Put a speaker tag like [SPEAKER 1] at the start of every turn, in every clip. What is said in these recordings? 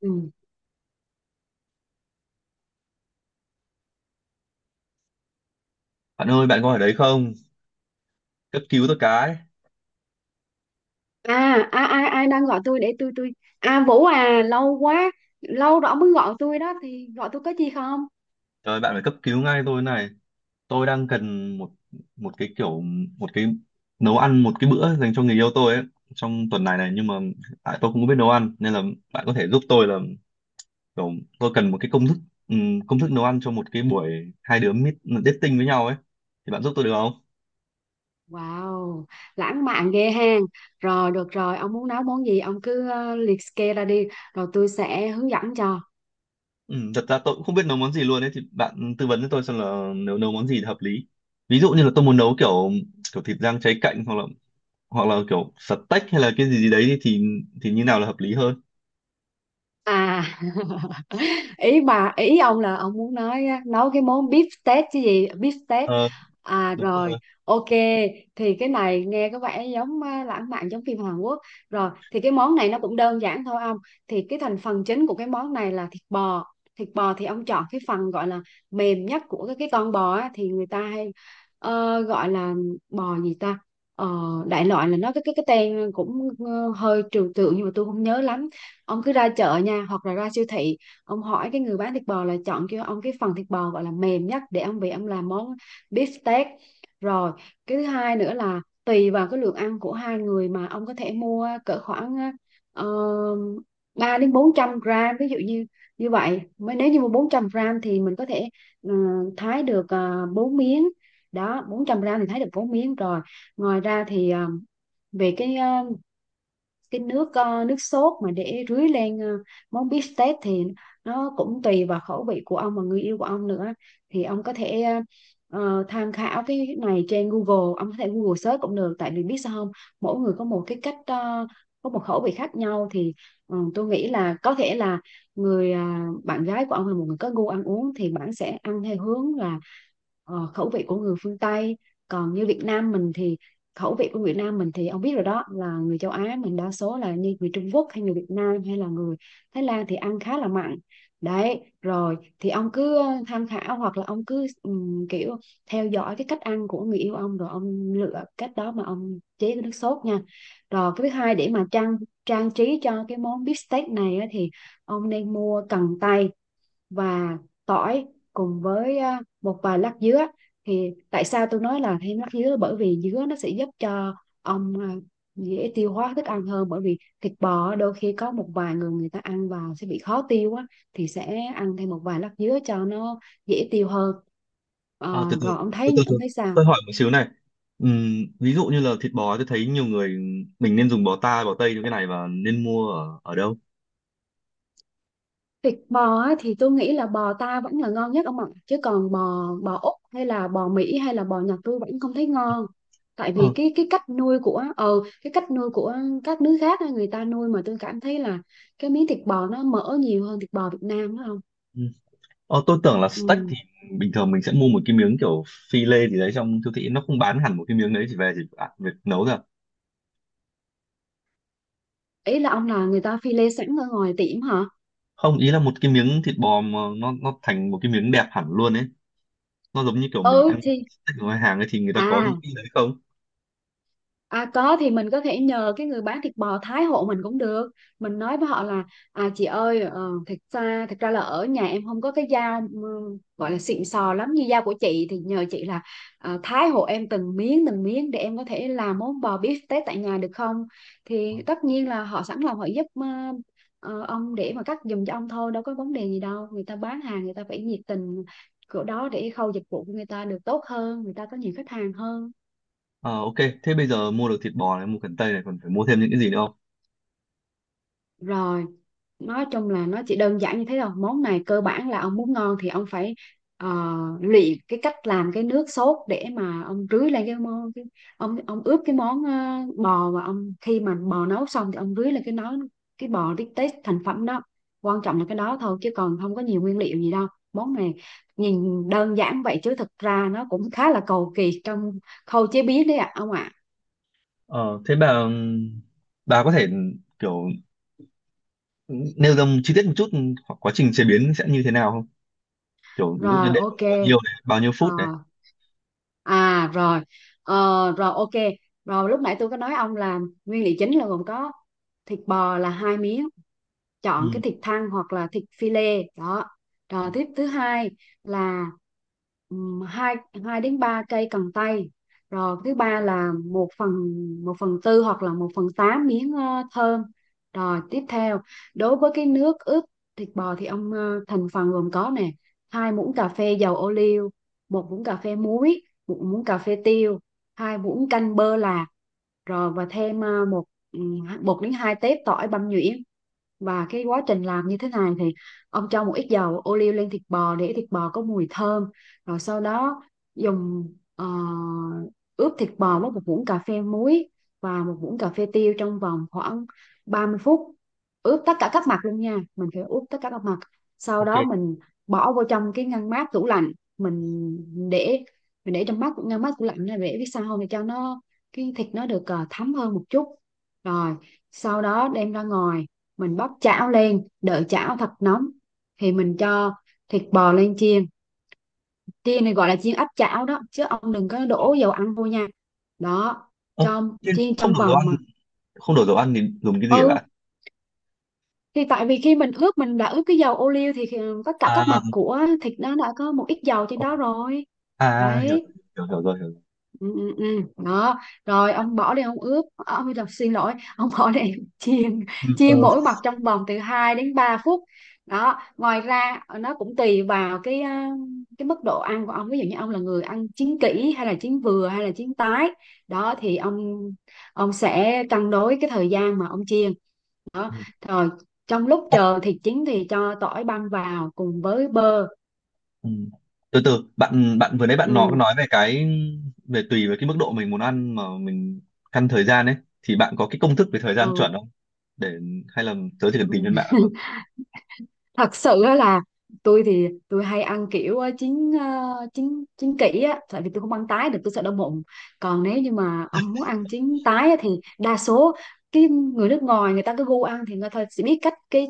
[SPEAKER 1] Ừ.
[SPEAKER 2] Bạn ơi, bạn có ở đấy không? Cấp cứu tôi cái.
[SPEAKER 1] À, ai ai ai đang gọi. Tôi để tôi à, Vũ à, lâu rồi ông mới gọi tôi đó, thì gọi tôi có gì không?
[SPEAKER 2] Trời, bạn phải cấp cứu ngay tôi này. Tôi đang cần một một cái kiểu một cái nấu ăn một cái bữa dành cho người yêu tôi ấy trong tuần này này nhưng mà tại tôi không biết nấu ăn nên là bạn có thể giúp tôi là kiểu tôi cần một cái công thức, công thức nấu ăn cho một cái buổi hai đứa meet dating với nhau ấy thì bạn giúp tôi được không?
[SPEAKER 1] Wow, lãng mạn ghê ha. Rồi, được rồi, ông muốn nấu món gì ông cứ liệt kê ra đi, rồi tôi sẽ hướng dẫn cho.
[SPEAKER 2] Ừ, thật ra tôi cũng không biết nấu món gì luôn ấy thì bạn tư vấn cho tôi xem là nấu nấu món gì thì hợp lý. Ví dụ như là tôi muốn nấu kiểu kiểu thịt rang cháy cạnh hoặc là kiểu stack hay là cái gì gì đấy thì như nào là hợp lý hơn.
[SPEAKER 1] À, ý ông là ông muốn nói á, nấu cái món beef steak chứ gì? Beef steak.
[SPEAKER 2] Ờ,
[SPEAKER 1] À
[SPEAKER 2] đúng
[SPEAKER 1] rồi,
[SPEAKER 2] rồi.
[SPEAKER 1] ok. Thì cái này nghe có vẻ giống lãng mạn, giống phim Hàn Quốc. Rồi thì cái món này nó cũng đơn giản thôi ông. Thì cái thành phần chính của cái món này là thịt bò. Thịt bò thì ông chọn cái phần gọi là mềm nhất của cái con bò á, thì người ta hay gọi là bò gì ta. Ờ, Đại loại là nó cái tên cũng hơi trừu tượng, nhưng mà tôi không nhớ lắm. Ông cứ ra chợ nha, hoặc là ra siêu thị ông hỏi cái người bán thịt bò là chọn cho ông cái phần thịt bò gọi là mềm nhất, để ông về ông làm món beef steak. Rồi, cái thứ hai nữa là tùy vào cái lượng ăn của hai người mà ông có thể mua cỡ khoảng uh, 3 đến 400 gram. Ví dụ như, như vậy mới nếu như mua 400 gram thì mình có thể ờ, thái được 4 miếng. Đó, 400 gram thì thái được 4 miếng. Rồi ngoài ra thì, về cái nước sốt mà để rưới lên món bít tết thì nó cũng tùy vào khẩu vị của ông và người yêu của ông nữa. Thì ông có thể tham khảo cái này trên Google, ông có thể Google search cũng được, tại vì biết sao không, mỗi người có một có một khẩu vị khác nhau. Thì tôi nghĩ là có thể là bạn gái của ông là một người có gu ăn uống, thì bạn sẽ ăn theo hướng là khẩu vị của người phương Tây. Còn như Việt Nam mình thì khẩu vị của Việt Nam mình thì ông biết rồi đó, là người châu Á mình đa số là như người Trung Quốc, hay người Việt Nam, hay là người Thái Lan, thì ăn khá là mặn. Đấy, rồi thì ông cứ tham khảo, hoặc là ông cứ kiểu theo dõi cái cách ăn của người yêu ông, rồi ông lựa cách đó mà ông chế cái nước sốt nha. Rồi cái thứ hai, để mà trang trang trí cho cái món bít tết này á, thì ông nên mua cần tây và tỏi, cùng với một vài lát dứa. Thì tại sao tôi nói là thêm lát dứa? Bởi vì dứa nó sẽ giúp cho ông dễ tiêu hóa thức ăn hơn, bởi vì thịt bò đôi khi có một vài người người ta ăn vào sẽ bị khó tiêu á, thì sẽ ăn thêm một vài lát dứa cho nó dễ tiêu hơn.
[SPEAKER 2] À, từ từ
[SPEAKER 1] Rồi
[SPEAKER 2] từ từ từ,
[SPEAKER 1] ông thấy sao?
[SPEAKER 2] tôi hỏi một xíu này. Ví dụ như là thịt bò tôi thấy nhiều người mình nên dùng bò ta bò tây cho cái này và nên mua ở ở đâu?
[SPEAKER 1] Thịt bò á, thì tôi nghĩ là bò ta vẫn là ngon nhất ông ạ. Chứ còn bò bò Úc hay là bò Mỹ hay là bò Nhật tôi vẫn không thấy ngon. Tại vì
[SPEAKER 2] Ờ,
[SPEAKER 1] cái cách nuôi của cái cách nuôi của các nước khác á, người ta nuôi mà tôi cảm thấy là cái miếng thịt bò nó mỡ nhiều hơn thịt bò Việt Nam đó không?
[SPEAKER 2] ừ. Ờ, tôi tưởng là stack
[SPEAKER 1] Ừ.
[SPEAKER 2] thì bình thường mình sẽ mua một cái miếng kiểu phi lê gì đấy, trong siêu thị nó không bán hẳn một cái miếng đấy chỉ về chỉ, à, việc nấu ra.
[SPEAKER 1] Ý là ông là người ta phi lê sẵn ở ngoài tiệm hả?
[SPEAKER 2] Không, ý là một cái miếng thịt bò mà nó thành một cái miếng đẹp hẳn luôn ấy, nó giống như kiểu mình
[SPEAKER 1] Ừ
[SPEAKER 2] ăn
[SPEAKER 1] thì,
[SPEAKER 2] steak ở ngoài hàng ấy, thì người ta có những
[SPEAKER 1] à
[SPEAKER 2] cái đấy không?
[SPEAKER 1] À, có thì mình có thể nhờ cái người bán thịt bò thái hộ mình cũng được. Mình nói với họ là, chị ơi, thật ra là ở nhà em không có cái dao gọi là xịn sò lắm như dao của chị, thì nhờ chị là thái hộ em từng miếng để em có thể làm món bò beef tết tại nhà được không? Thì tất nhiên là họ sẵn lòng họ giúp ông, để mà cắt giùm cho ông thôi, đâu có vấn đề gì đâu. Người ta bán hàng, người ta phải nhiệt tình chỗ đó để khâu dịch vụ của người ta được tốt hơn, người ta có nhiều khách hàng hơn.
[SPEAKER 2] Ờ, ok, thế bây giờ mua được thịt bò này, mua cần tây này, còn phải mua thêm những cái gì nữa không?
[SPEAKER 1] Rồi, nói chung là nó chỉ đơn giản như thế thôi. Món này cơ bản là ông muốn ngon thì ông phải ờ, luyện cái cách làm cái nước sốt để mà ông rưới lên cái món. Ông ướp cái món bò, và ông khi mà bò nấu xong thì ông rưới lên cái bò tết thành phẩm đó. Quan trọng là cái đó thôi, chứ còn không có nhiều nguyên liệu gì đâu. Món này nhìn đơn giản vậy chứ thực ra nó cũng khá là cầu kỳ trong khâu chế biến đấy ạ ông ạ.
[SPEAKER 2] Ờ, thế bà có thể kiểu nêu ra chi tiết một chút hoặc quá trình chế biến sẽ như thế nào không? Kiểu ví dụ như
[SPEAKER 1] Rồi
[SPEAKER 2] để
[SPEAKER 1] ok.
[SPEAKER 2] vào bao nhiêu này, bao nhiêu
[SPEAKER 1] Ờ,
[SPEAKER 2] phút này.
[SPEAKER 1] À rồi. Ờ, Rồi ok. Rồi lúc nãy tôi có nói ông là nguyên liệu chính là gồm có thịt bò là hai miếng,
[SPEAKER 2] Ừ,
[SPEAKER 1] chọn cái thịt thăn hoặc là thịt phi lê đó. Rồi tiếp thứ hai là, hai hai đến ba cây cần tây. Rồi thứ ba là một phần tư hoặc là một phần tám miếng thơm. Rồi tiếp theo, đối với cái nước ướp thịt bò thì ông, thành phần gồm có nè: hai muỗng cà phê dầu ô liu, một muỗng cà phê muối, một muỗng cà phê tiêu, hai muỗng canh bơ lạc. Rồi và thêm ờ, một một đến hai tép tỏi băm nhuyễn. Và cái quá trình làm như thế này thì ông cho một ít dầu ô liu lên thịt bò để thịt bò có mùi thơm. Rồi sau đó dùng, ờ, ướp thịt bò với một muỗng cà phê muối và một muỗng cà phê tiêu trong vòng khoảng 30 phút. Ướp tất cả các mặt luôn nha, mình phải ướp tất cả các mặt. Sau
[SPEAKER 2] ok.
[SPEAKER 1] đó mình bỏ vô trong cái ngăn mát tủ lạnh. mình để mình để trong mát ngăn mát tủ lạnh này để biết sao không, để cho nó cái thịt nó được thấm hơn một chút. Rồi sau đó đem ra ngoài, mình bóc chảo lên đợi chảo thật nóng, thì mình cho thịt bò lên chiên. Chiên này gọi là chiên áp chảo đó, chứ ông đừng có
[SPEAKER 2] Ờ,
[SPEAKER 1] đổ dầu ăn vô nha. Đó,
[SPEAKER 2] ơ,
[SPEAKER 1] cho
[SPEAKER 2] thế
[SPEAKER 1] chiên
[SPEAKER 2] không
[SPEAKER 1] trong
[SPEAKER 2] đổ dầu
[SPEAKER 1] vòng
[SPEAKER 2] ăn,
[SPEAKER 1] mà,
[SPEAKER 2] không đổ dầu ăn thì dùng cái gì hả
[SPEAKER 1] ừ.
[SPEAKER 2] bạn?
[SPEAKER 1] Thì tại vì khi mình ướp mình đã ướp cái dầu ô liu thì tất cả các
[SPEAKER 2] À,
[SPEAKER 1] mặt của thịt nó đã có một ít dầu trên
[SPEAKER 2] ờ,
[SPEAKER 1] đó rồi.
[SPEAKER 2] à, hiểu,
[SPEAKER 1] Đấy.
[SPEAKER 2] hiểu, hiểu, hiểu rồi, hiểu rồi.
[SPEAKER 1] Ừ, ừ, ừ. Đó. Rồi ông bỏ đi, ông ướp à, ông làm xin lỗi, ông bỏ đi chiên
[SPEAKER 2] Ừ,
[SPEAKER 1] chiên
[SPEAKER 2] ờ,
[SPEAKER 1] mỗi mặt trong vòng từ 2 đến 3 phút. Đó, ngoài ra nó cũng tùy vào cái mức độ ăn của ông. Ví dụ như ông là người ăn chín kỹ hay là chín vừa hay là chín tái, đó thì ông sẽ cân đối cái thời gian mà ông chiên đó.
[SPEAKER 2] ừ.
[SPEAKER 1] Rồi trong lúc chờ thịt chín thì cho tỏi băm vào cùng với bơ.
[SPEAKER 2] Ừ. Từ từ, bạn bạn vừa nãy bạn nói
[SPEAKER 1] Ừ,
[SPEAKER 2] nói về cái, về tùy với cái mức độ mình muốn ăn mà mình căn thời gian ấy, thì bạn có cái công thức về thời gian
[SPEAKER 1] ừ,
[SPEAKER 2] chuẩn không, để, hay là tớ chỉ cần
[SPEAKER 1] ừ.
[SPEAKER 2] tìm trên mạng là được?
[SPEAKER 1] Thật sự á là tôi thì tôi hay ăn kiểu ờ, chín chín kỹ á, tại vì tôi không ăn tái được, tôi sợ đau bụng. Còn nếu như mà ông muốn ăn chín tái á, thì đa số cái người nước ngoài người ta cứ gu ăn thì người ta sẽ biết cách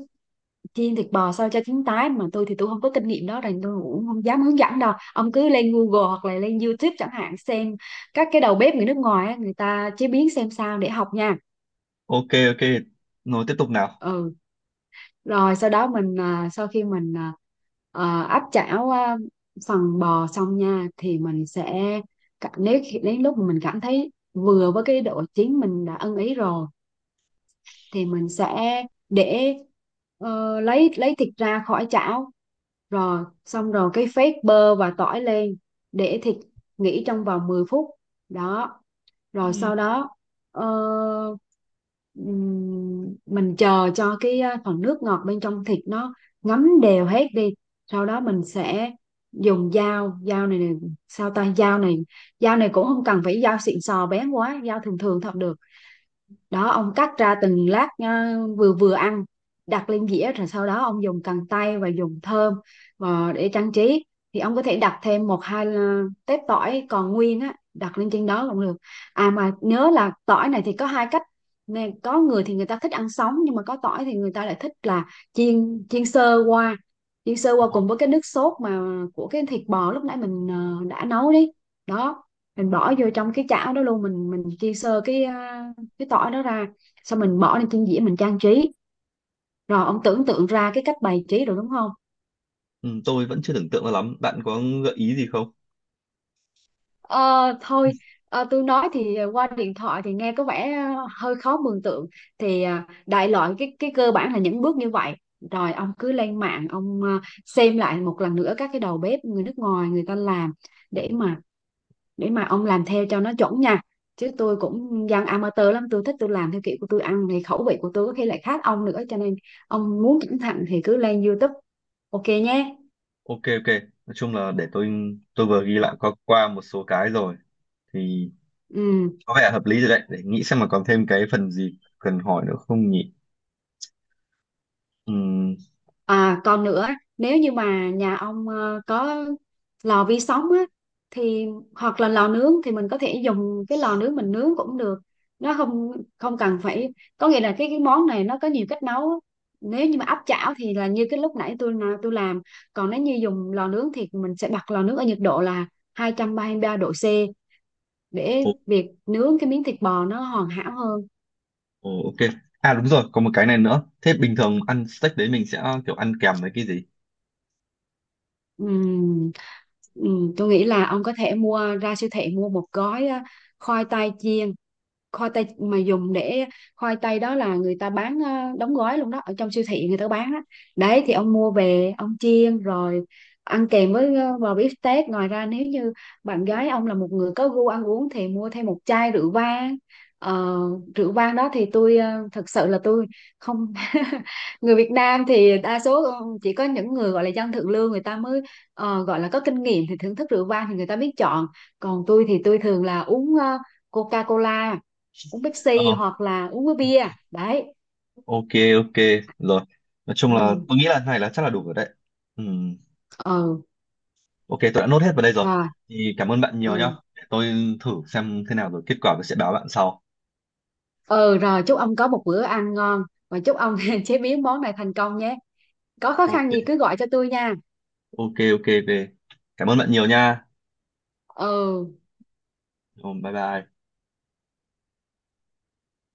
[SPEAKER 1] chiên thịt bò sao cho chín tái. Mà tôi thì tôi không có kinh nghiệm đó, nên tôi cũng không dám hướng dẫn đâu, ông cứ lên Google hoặc là lên YouTube chẳng hạn, xem các cái đầu bếp người nước ngoài á, người ta chế biến xem sao để học nha.
[SPEAKER 2] Ok, ok, rồi tiếp tục nào.
[SPEAKER 1] Ừ, rồi sau đó sau khi mình áp chảo phần bò xong nha, thì mình sẽ đến lúc mà mình cảm thấy vừa với cái độ chín mình đã ưng ý rồi, thì mình sẽ để lấy thịt ra khỏi chảo. Rồi xong rồi cái phết bơ và tỏi lên, để thịt nghỉ trong vòng 10 phút. Đó, rồi
[SPEAKER 2] Ừ.
[SPEAKER 1] sau đó ờ, mình chờ cho cái phần nước ngọt bên trong thịt nó ngấm đều hết đi. Sau đó mình sẽ dùng dao dao này, này, sao ta dao này cũng không cần phải dao xịn sò bén quá, dao thường thường thật được. Đó, ông cắt ra từng lát vừa vừa ăn, đặt lên dĩa. Rồi sau đó ông dùng cần tây và dùng thơm và để trang trí, thì ông có thể đặt thêm một hai tép tỏi còn nguyên á đặt lên trên đó cũng được. À mà nhớ là tỏi này thì có hai cách nè: có người thì người ta thích ăn sống, nhưng mà có tỏi thì người ta lại thích là chiên chiên sơ qua, chiên sơ qua
[SPEAKER 2] Ồ,
[SPEAKER 1] cùng với cái nước sốt mà của cái thịt bò lúc nãy mình đã nấu đi. Đó, mình bỏ vô trong cái chảo đó luôn, mình chiên sơ cái tỏi đó ra. Xong mình bỏ lên trên dĩa mình trang trí. Rồi ông tưởng tượng ra cái cách bày trí rồi đúng không?
[SPEAKER 2] ừ, tôi vẫn chưa tưởng tượng ra lắm, bạn có gợi ý gì không?
[SPEAKER 1] ờ Thôi, tôi nói thì qua điện thoại thì nghe có vẻ hơi khó mường tượng. Thì đại loại cái cơ bản là những bước như vậy. Rồi ông cứ lên mạng, ông xem lại một lần nữa các cái đầu bếp người nước ngoài người ta làm,
[SPEAKER 2] Ừ.
[SPEAKER 1] để mà để mà ông làm theo cho nó chuẩn nha. Chứ tôi cũng dân amateur lắm, tôi thích tôi làm theo kiểu của tôi ăn, thì khẩu vị của tôi có khi lại khác ông nữa, cho nên ông muốn cẩn thận thì cứ lên YouTube. Ok nhé.
[SPEAKER 2] Ok, ok, nói chung là để tôi vừa ghi lại
[SPEAKER 1] Rồi.
[SPEAKER 2] qua qua một số cái rồi, thì
[SPEAKER 1] Ừ.
[SPEAKER 2] có vẻ hợp lý rồi đấy, để nghĩ xem mà còn thêm cái phần gì cần hỏi nữa không nhỉ. Ừ.
[SPEAKER 1] À còn nữa, nếu như mà nhà ông có lò vi sóng á, thì hoặc là lò nướng thì mình có thể dùng cái lò nướng mình nướng cũng được. Nó không, không cần phải, có nghĩa là cái món này nó có nhiều cách nấu. Nếu như mà áp chảo thì là như cái lúc nãy tôi làm. Còn nếu như dùng lò nướng thì mình sẽ bật lò nướng ở nhiệt độ là 233 độ C, để việc nướng cái miếng thịt bò nó hoàn hảo hơn.
[SPEAKER 2] Ồ, ok. À đúng rồi, có một cái này nữa. Thế bình thường ăn steak đấy mình sẽ kiểu ăn kèm với cái gì?
[SPEAKER 1] Ừm, tôi nghĩ là ông có thể mua ra siêu thị, mua một gói khoai tây chiên. Khoai tây mà dùng để Khoai tây đó là người ta bán đóng gói luôn đó ở trong siêu thị người ta bán đó. Đấy thì ông mua về ông chiên rồi ăn kèm với bò bít tết. Ngoài ra nếu như bạn gái ông là một người có gu ăn uống thì mua thêm một chai rượu vang. Ờ, Rượu vang đó thì tôi, thật sự là tôi không. Người Việt Nam thì đa số chỉ có những người gọi là dân thượng lưu người ta mới gọi là có kinh nghiệm thì thưởng thức rượu vang thì người ta biết chọn. Còn tôi thì tôi thường là uống Coca-Cola, uống
[SPEAKER 2] Ờ,
[SPEAKER 1] Pepsi, hoặc là uống với bia. Đấy.
[SPEAKER 2] ok, ok. Rồi. Nói chung
[SPEAKER 1] Ừ,
[SPEAKER 2] là tôi nghĩ là này là chắc là đủ rồi đấy. Ừm,
[SPEAKER 1] ừ.
[SPEAKER 2] Ok, tôi đã nốt hết vào đây rồi.
[SPEAKER 1] Rồi.
[SPEAKER 2] Thì cảm ơn bạn nhiều nhá.
[SPEAKER 1] Ừ,
[SPEAKER 2] Để tôi thử xem thế nào rồi kết quả tôi sẽ báo bạn sau.
[SPEAKER 1] ừ. Rồi chúc ông có một bữa ăn ngon, và chúc ông chế biến món này thành công nhé, có khó
[SPEAKER 2] Ok,
[SPEAKER 1] khăn gì cứ gọi cho tôi nha.
[SPEAKER 2] ok, ok, ok. Cảm ơn bạn nhiều nha.
[SPEAKER 1] Ừ.
[SPEAKER 2] Rồi, bye bye.